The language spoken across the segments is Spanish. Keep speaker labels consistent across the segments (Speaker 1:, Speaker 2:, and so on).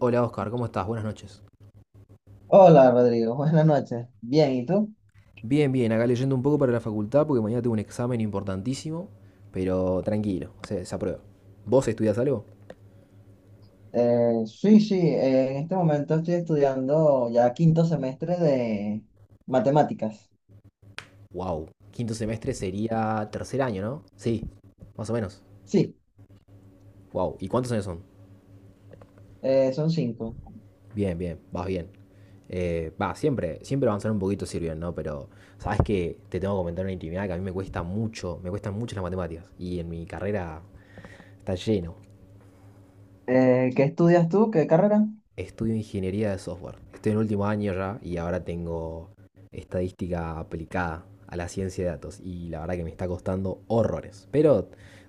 Speaker 1: Hola Oscar, ¿cómo estás? Buenas noches.
Speaker 2: Hola Rodrigo, buenas noches. Bien, ¿y tú?
Speaker 1: Bien, bien, acá leyendo un poco para la facultad porque mañana tengo un examen importantísimo, pero tranquilo, se aprueba. ¿Vos estudias algo?
Speaker 2: Sí, en este momento estoy estudiando ya quinto semestre de matemáticas.
Speaker 1: Wow. Quinto semestre sería tercer año, ¿no? Sí, más o menos.
Speaker 2: Sí,
Speaker 1: Wow. ¿Y cuántos años son?
Speaker 2: son cinco.
Speaker 1: Bien, bien, vas bien. Va, siempre, siempre avanzar un poquito sirve, ¿no? Pero sabes que te tengo que comentar una intimidad que a mí me cuesta mucho, me cuestan mucho las matemáticas y en mi carrera está lleno.
Speaker 2: ¿Qué estudias tú? ¿Qué carrera?
Speaker 1: Estudio ingeniería de software. Estoy en último año ya y ahora tengo estadística aplicada a la ciencia de datos. Y la verdad que me está costando horrores. Pero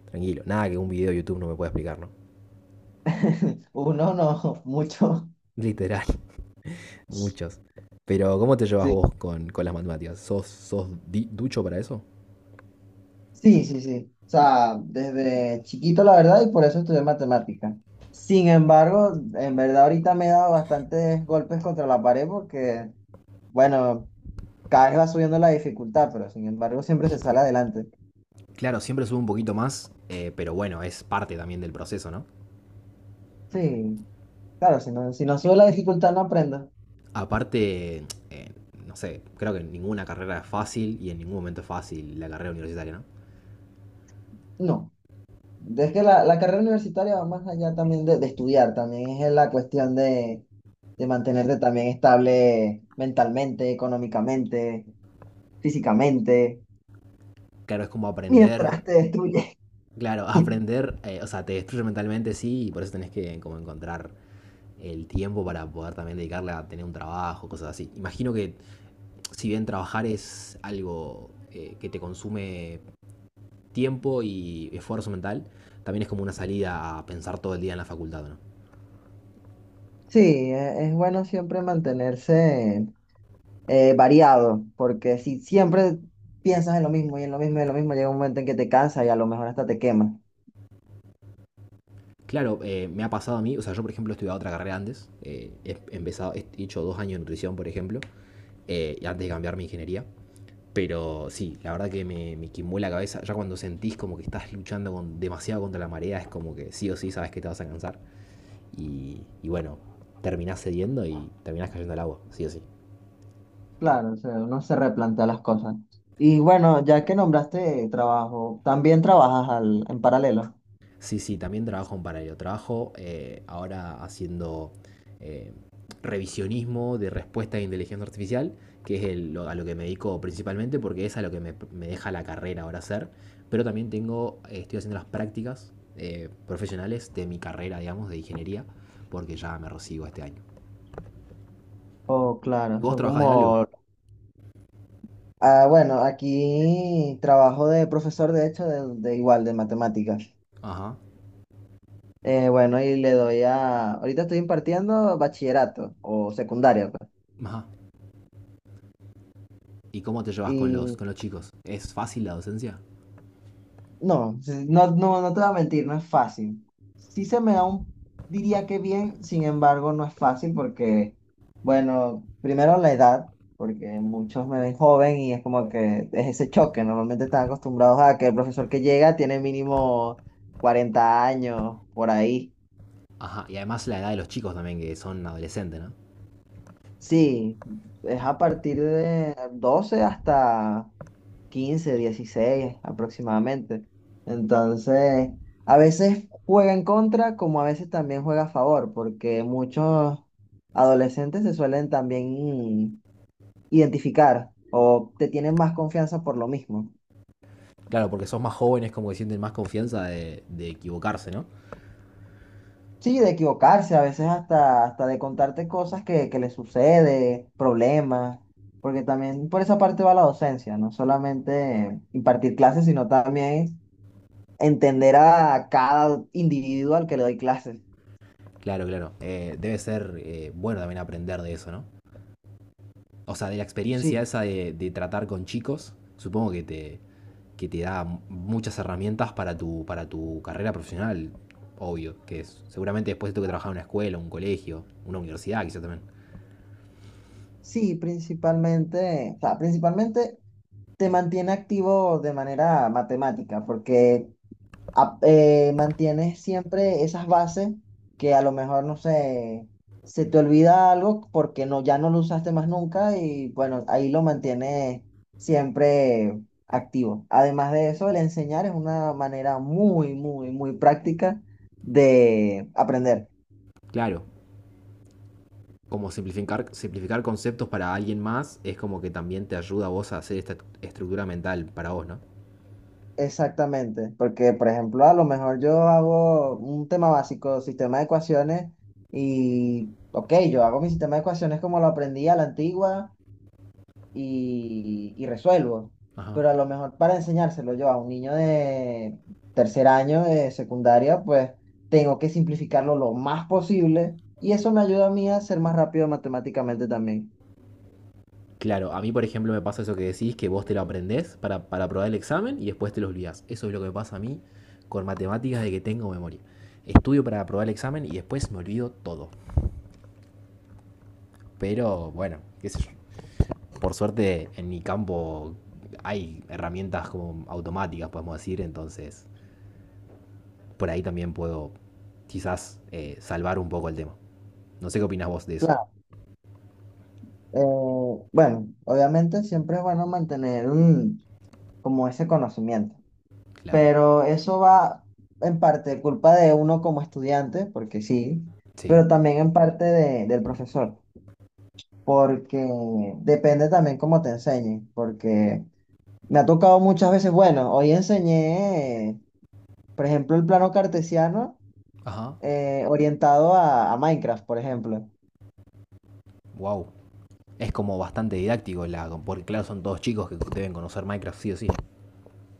Speaker 1: tranquilo, nada que un video de YouTube no me pueda explicar, ¿no?
Speaker 2: Uno, no, mucho.
Speaker 1: Literal, muchos. Pero ¿cómo te llevas vos
Speaker 2: Sí,
Speaker 1: con las matemáticas? ¿Sos, ducho para eso?
Speaker 2: sí, sí. O sea, desde chiquito la verdad y por eso estudié matemáticas. Sin embargo, en verdad ahorita me he dado bastantes golpes contra la pared porque, bueno, cada vez va subiendo la dificultad, pero sin embargo siempre se sale adelante.
Speaker 1: Claro, siempre subo un poquito más, pero bueno, es parte también del proceso, ¿no?
Speaker 2: Sí, claro, si no, si no sube la dificultad no aprendas.
Speaker 1: Aparte, no sé, creo que en ninguna carrera es fácil y en ningún momento es fácil la carrera universitaria, ¿no?
Speaker 2: No, es que la carrera universitaria va más allá también de estudiar, también es la cuestión de mantenerte también estable mentalmente, económicamente, físicamente,
Speaker 1: Claro, es como
Speaker 2: mientras
Speaker 1: aprender,
Speaker 2: te destruyes.
Speaker 1: claro, aprender, o sea, te destruye mentalmente, sí, y por eso tenés que como encontrar el tiempo para poder también dedicarle a tener un trabajo, cosas así. Imagino que si bien trabajar es algo que te consume tiempo y esfuerzo mental, también es como una salida a pensar todo el día en la facultad, ¿no?
Speaker 2: Sí, es bueno siempre mantenerse variado, porque si siempre piensas en lo mismo y en lo mismo y en lo mismo, llega un momento en que te cansas y a lo mejor hasta te quemas.
Speaker 1: Claro, me ha pasado a mí, o sea, yo por ejemplo he estudiado otra carrera antes, empezado, he hecho 2 años de nutrición, por ejemplo, y antes de cambiar mi ingeniería, pero sí, la verdad que me quimbó la cabeza, ya cuando sentís como que estás luchando con, demasiado contra la marea, es como que sí o sí sabes que te vas a cansar, y bueno, terminás cediendo y terminás cayendo al agua, sí o sí.
Speaker 2: Claro, o sea, uno se replantea las cosas. Y bueno, ya que nombraste trabajo, ¿también trabajas en paralelo?
Speaker 1: Sí, sí, también trabajo en paralelo. Trabajo ahora haciendo eh, revisionismo de respuesta de inteligencia artificial, que es a lo que me dedico principalmente porque es a lo que me deja la carrera ahora hacer. Pero también tengo, estoy haciendo las prácticas profesionales de mi carrera, digamos, de ingeniería, porque ya me recibo este año.
Speaker 2: Oh,
Speaker 1: ¿Y
Speaker 2: claro,
Speaker 1: vos
Speaker 2: son
Speaker 1: trabajás de algo?
Speaker 2: como... Ah, bueno, aquí trabajo de profesor, de hecho, de igual, de matemáticas.
Speaker 1: Ajá,
Speaker 2: Bueno, y le doy a... Ahorita estoy impartiendo bachillerato o secundaria, pues.
Speaker 1: ajá. ¿Y cómo te llevas
Speaker 2: Y
Speaker 1: con los chicos? ¿Es fácil la docencia?
Speaker 2: No, sí, no, no, no te voy a mentir, no es fácil. Sí se me da un, diría que bien, sin embargo, no es fácil porque, bueno, primero la edad, porque muchos me ven joven y es como que es ese choque. Normalmente están acostumbrados a que el profesor que llega tiene mínimo 40 años, por ahí.
Speaker 1: Ajá, y además la edad de los chicos también, que son adolescentes, ¿no?
Speaker 2: Sí, es a partir de 12 hasta 15, 16, aproximadamente. Entonces, a veces juega en contra, como a veces también juega a favor, porque muchos adolescentes se suelen también identificar o te tienen más confianza por lo mismo.
Speaker 1: Claro, porque sos más jóvenes, como que sienten más confianza de equivocarse, ¿no?
Speaker 2: Sí, de equivocarse, a veces hasta de contarte cosas que les sucede, problemas, porque también por esa parte va la docencia, no solamente impartir clases, sino también entender a cada individuo al que le doy clases.
Speaker 1: Claro, claro. Debe ser bueno también aprender de eso, ¿no? O sea, de la experiencia
Speaker 2: Sí,
Speaker 1: esa de tratar con chicos, supongo que que te da muchas herramientas para tu carrera profesional, obvio, que es, seguramente después tengo que trabajar en una escuela, un colegio, una universidad quizá también.
Speaker 2: sí, principalmente, o sea, principalmente te mantiene activo de manera matemática, porque mantienes siempre esas bases que a lo mejor, no sé, se te olvida algo porque no, ya no lo usaste más nunca y bueno, ahí lo mantienes siempre activo. Además de eso, el enseñar es una manera muy, muy, muy práctica de aprender.
Speaker 1: Claro, como simplificar, simplificar conceptos para alguien más es como que también te ayuda a vos a hacer esta estructura mental para vos, ¿no?
Speaker 2: Exactamente, porque por ejemplo, a lo mejor yo hago un tema básico, sistema de ecuaciones, y ok, yo hago mi sistema de ecuaciones como lo aprendí a la antigua y resuelvo,
Speaker 1: Ajá.
Speaker 2: pero a lo mejor para enseñárselo yo a un niño de 3.er año de secundaria, pues tengo que simplificarlo lo más posible y eso me ayuda a mí a ser más rápido matemáticamente también.
Speaker 1: Claro, a mí por ejemplo me pasa eso que decís, que vos te lo aprendés para aprobar el examen y después te lo olvidás. Eso es lo que me pasa a mí con matemáticas de que tengo memoria. Estudio para aprobar el examen y después me olvido todo. Pero bueno, qué sé yo. Por suerte en mi campo hay herramientas como automáticas, podemos decir, entonces por ahí también puedo quizás salvar un poco el tema. No sé qué opinás vos de eso.
Speaker 2: Claro, eh, bueno, obviamente siempre es bueno mantener como ese conocimiento.
Speaker 1: Claro.
Speaker 2: Pero eso va en parte culpa de uno como estudiante, porque sí,
Speaker 1: Sí.
Speaker 2: pero también en parte del profesor, porque depende también cómo te enseñen, porque me ha tocado muchas veces, bueno, hoy enseñé, por ejemplo, el plano cartesiano
Speaker 1: Ajá.
Speaker 2: orientado a Minecraft, por ejemplo.
Speaker 1: Wow. Es como bastante didáctico, la, porque claro, son todos chicos que deben conocer Minecraft sí o sí.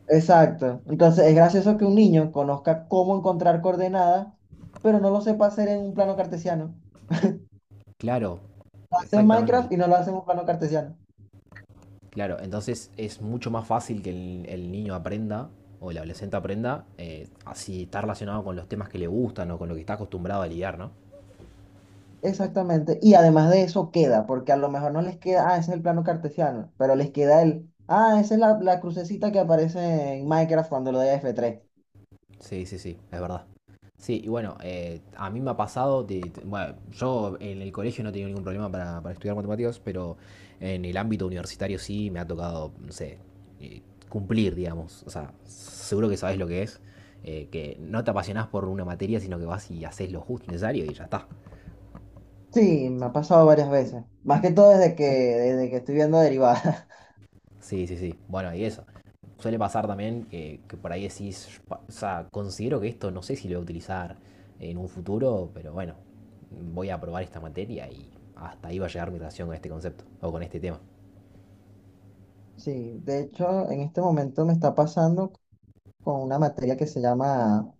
Speaker 2: Exacto. Entonces es gracioso que un niño conozca cómo encontrar coordenadas, pero no lo sepa hacer en un plano cartesiano.
Speaker 1: Claro,
Speaker 2: Lo hace en
Speaker 1: exactamente.
Speaker 2: Minecraft y no lo hace en un plano cartesiano.
Speaker 1: Claro, entonces es mucho más fácil que el niño aprenda o el adolescente aprenda así está relacionado con los temas que le gustan o con lo que está acostumbrado a lidiar, ¿no?
Speaker 2: Exactamente. Y además de eso queda, porque a lo mejor no les queda, ah, ese es el plano cartesiano, pero les queda el, ah, esa es la crucecita que aparece en Minecraft cuando lo doy a F3.
Speaker 1: Sí, sí, sí, es verdad. Sí, y bueno, a mí me ha pasado, bueno, yo en el colegio no he tenido ningún problema para estudiar matemáticas, pero en el ámbito universitario sí me ha tocado, no sé, eh, cumplir, digamos. O sea, seguro que sabes lo que es, que no te apasionás por una materia, sino que vas y haces lo justo y necesario y ya está.
Speaker 2: Sí, me ha pasado varias veces. Más que todo desde que estoy viendo derivadas.
Speaker 1: Sí, sí, sí. Bueno, y eso. Suele pasar también que por ahí decís, o sea, considero que esto no sé si lo voy a utilizar en un futuro, pero bueno, voy a probar esta materia y hasta ahí va a llegar mi relación con este concepto o con este tema.
Speaker 2: Sí, de hecho, en este momento me está pasando con una materia que se llama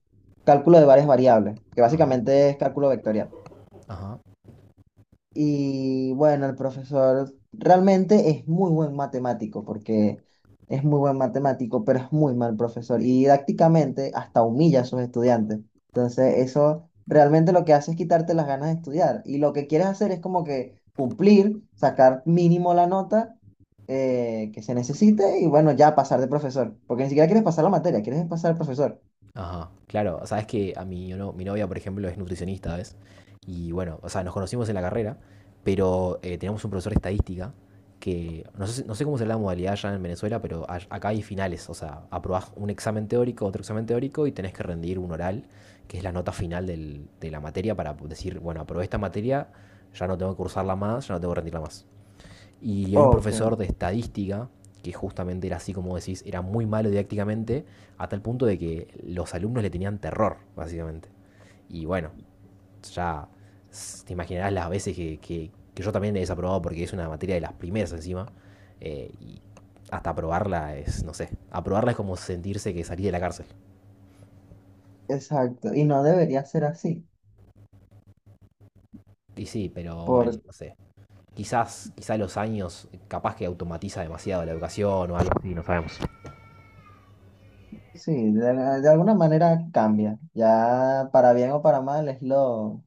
Speaker 2: cálculo de varias variables, que
Speaker 1: Ajá.
Speaker 2: básicamente es cálculo vectorial.
Speaker 1: Ajá.
Speaker 2: Y bueno, el profesor realmente es muy buen matemático, porque es muy buen matemático, pero es muy mal profesor. Y didácticamente hasta humilla a sus estudiantes. Entonces, eso realmente lo que hace es quitarte las ganas de estudiar. Y lo que quieres hacer es como que cumplir, sacar mínimo la nota que se necesite y bueno, ya pasar de profesor. Porque ni siquiera quieres pasar la materia, quieres pasar al profesor.
Speaker 1: Ajá, claro, o sea, es que a mi, mi novia, por ejemplo, es nutricionista, ¿ves? Y bueno, o sea, nos conocimos en la carrera, pero teníamos un profesor de estadística que, no sé, no sé cómo será la modalidad allá en Venezuela, pero acá hay finales, o sea, aprobás un examen teórico, otro examen teórico y tenés que rendir un oral, que es la nota final de la materia para decir, bueno, aprobé esta materia, ya no tengo que cursarla más, ya no tengo que rendirla más. Y hay un
Speaker 2: Ok,
Speaker 1: profesor de estadística que justamente era así como decís, era muy malo didácticamente, a tal punto de que los alumnos le tenían terror, básicamente. Y bueno, ya te imaginarás las veces que, que yo también he desaprobado porque es una materia de las primeras encima, y hasta aprobarla es, no sé, aprobarla es como sentirse que salí de la cárcel.
Speaker 2: exacto. Y no debería ser así.
Speaker 1: Y sí, pero bueno, no sé. Quizás, quizás los años capaz que automatiza demasiado la educación o algo así, no sabemos.
Speaker 2: Sí, de alguna manera cambia. Ya para bien o para mal es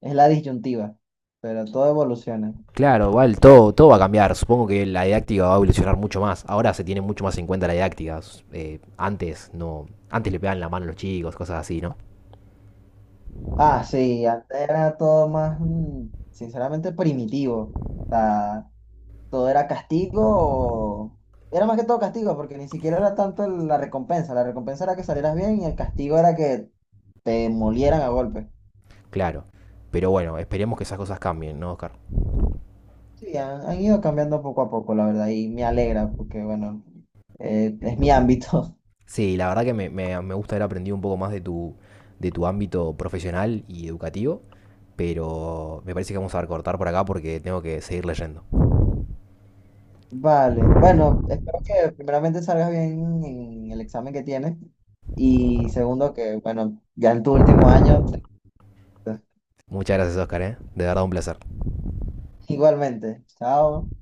Speaker 2: es la disyuntiva, pero todo evoluciona.
Speaker 1: Claro, igual todo, todo va a cambiar. Supongo que la didáctica va a evolucionar mucho más. Ahora se tiene mucho más en cuenta la didáctica. Antes no, antes le pegaban la mano a los chicos, cosas así, ¿no?
Speaker 2: Ah, sí, antes era todo más, mm, sinceramente, primitivo. O sea, todo era castigo o... Era más que todo castigo, porque ni siquiera era tanto la recompensa. La recompensa era que salieras bien y el castigo era que te molieran a golpes.
Speaker 1: Claro. Pero bueno, esperemos que esas cosas cambien, ¿no, Oscar?
Speaker 2: Sí, han ido cambiando poco a poco, la verdad, y me alegra porque, bueno, es mi ámbito.
Speaker 1: Sí, la verdad que me, me gusta haber aprendido un poco más de tu ámbito profesional y educativo, pero me parece que vamos a cortar por acá porque tengo que seguir leyendo.
Speaker 2: Vale, bueno, espero que primeramente salgas bien en el examen que tienes y segundo que, bueno, ya en tu último año, te-
Speaker 1: Muchas gracias, Oscar, ¿eh? De verdad un placer.
Speaker 2: igualmente. Chao.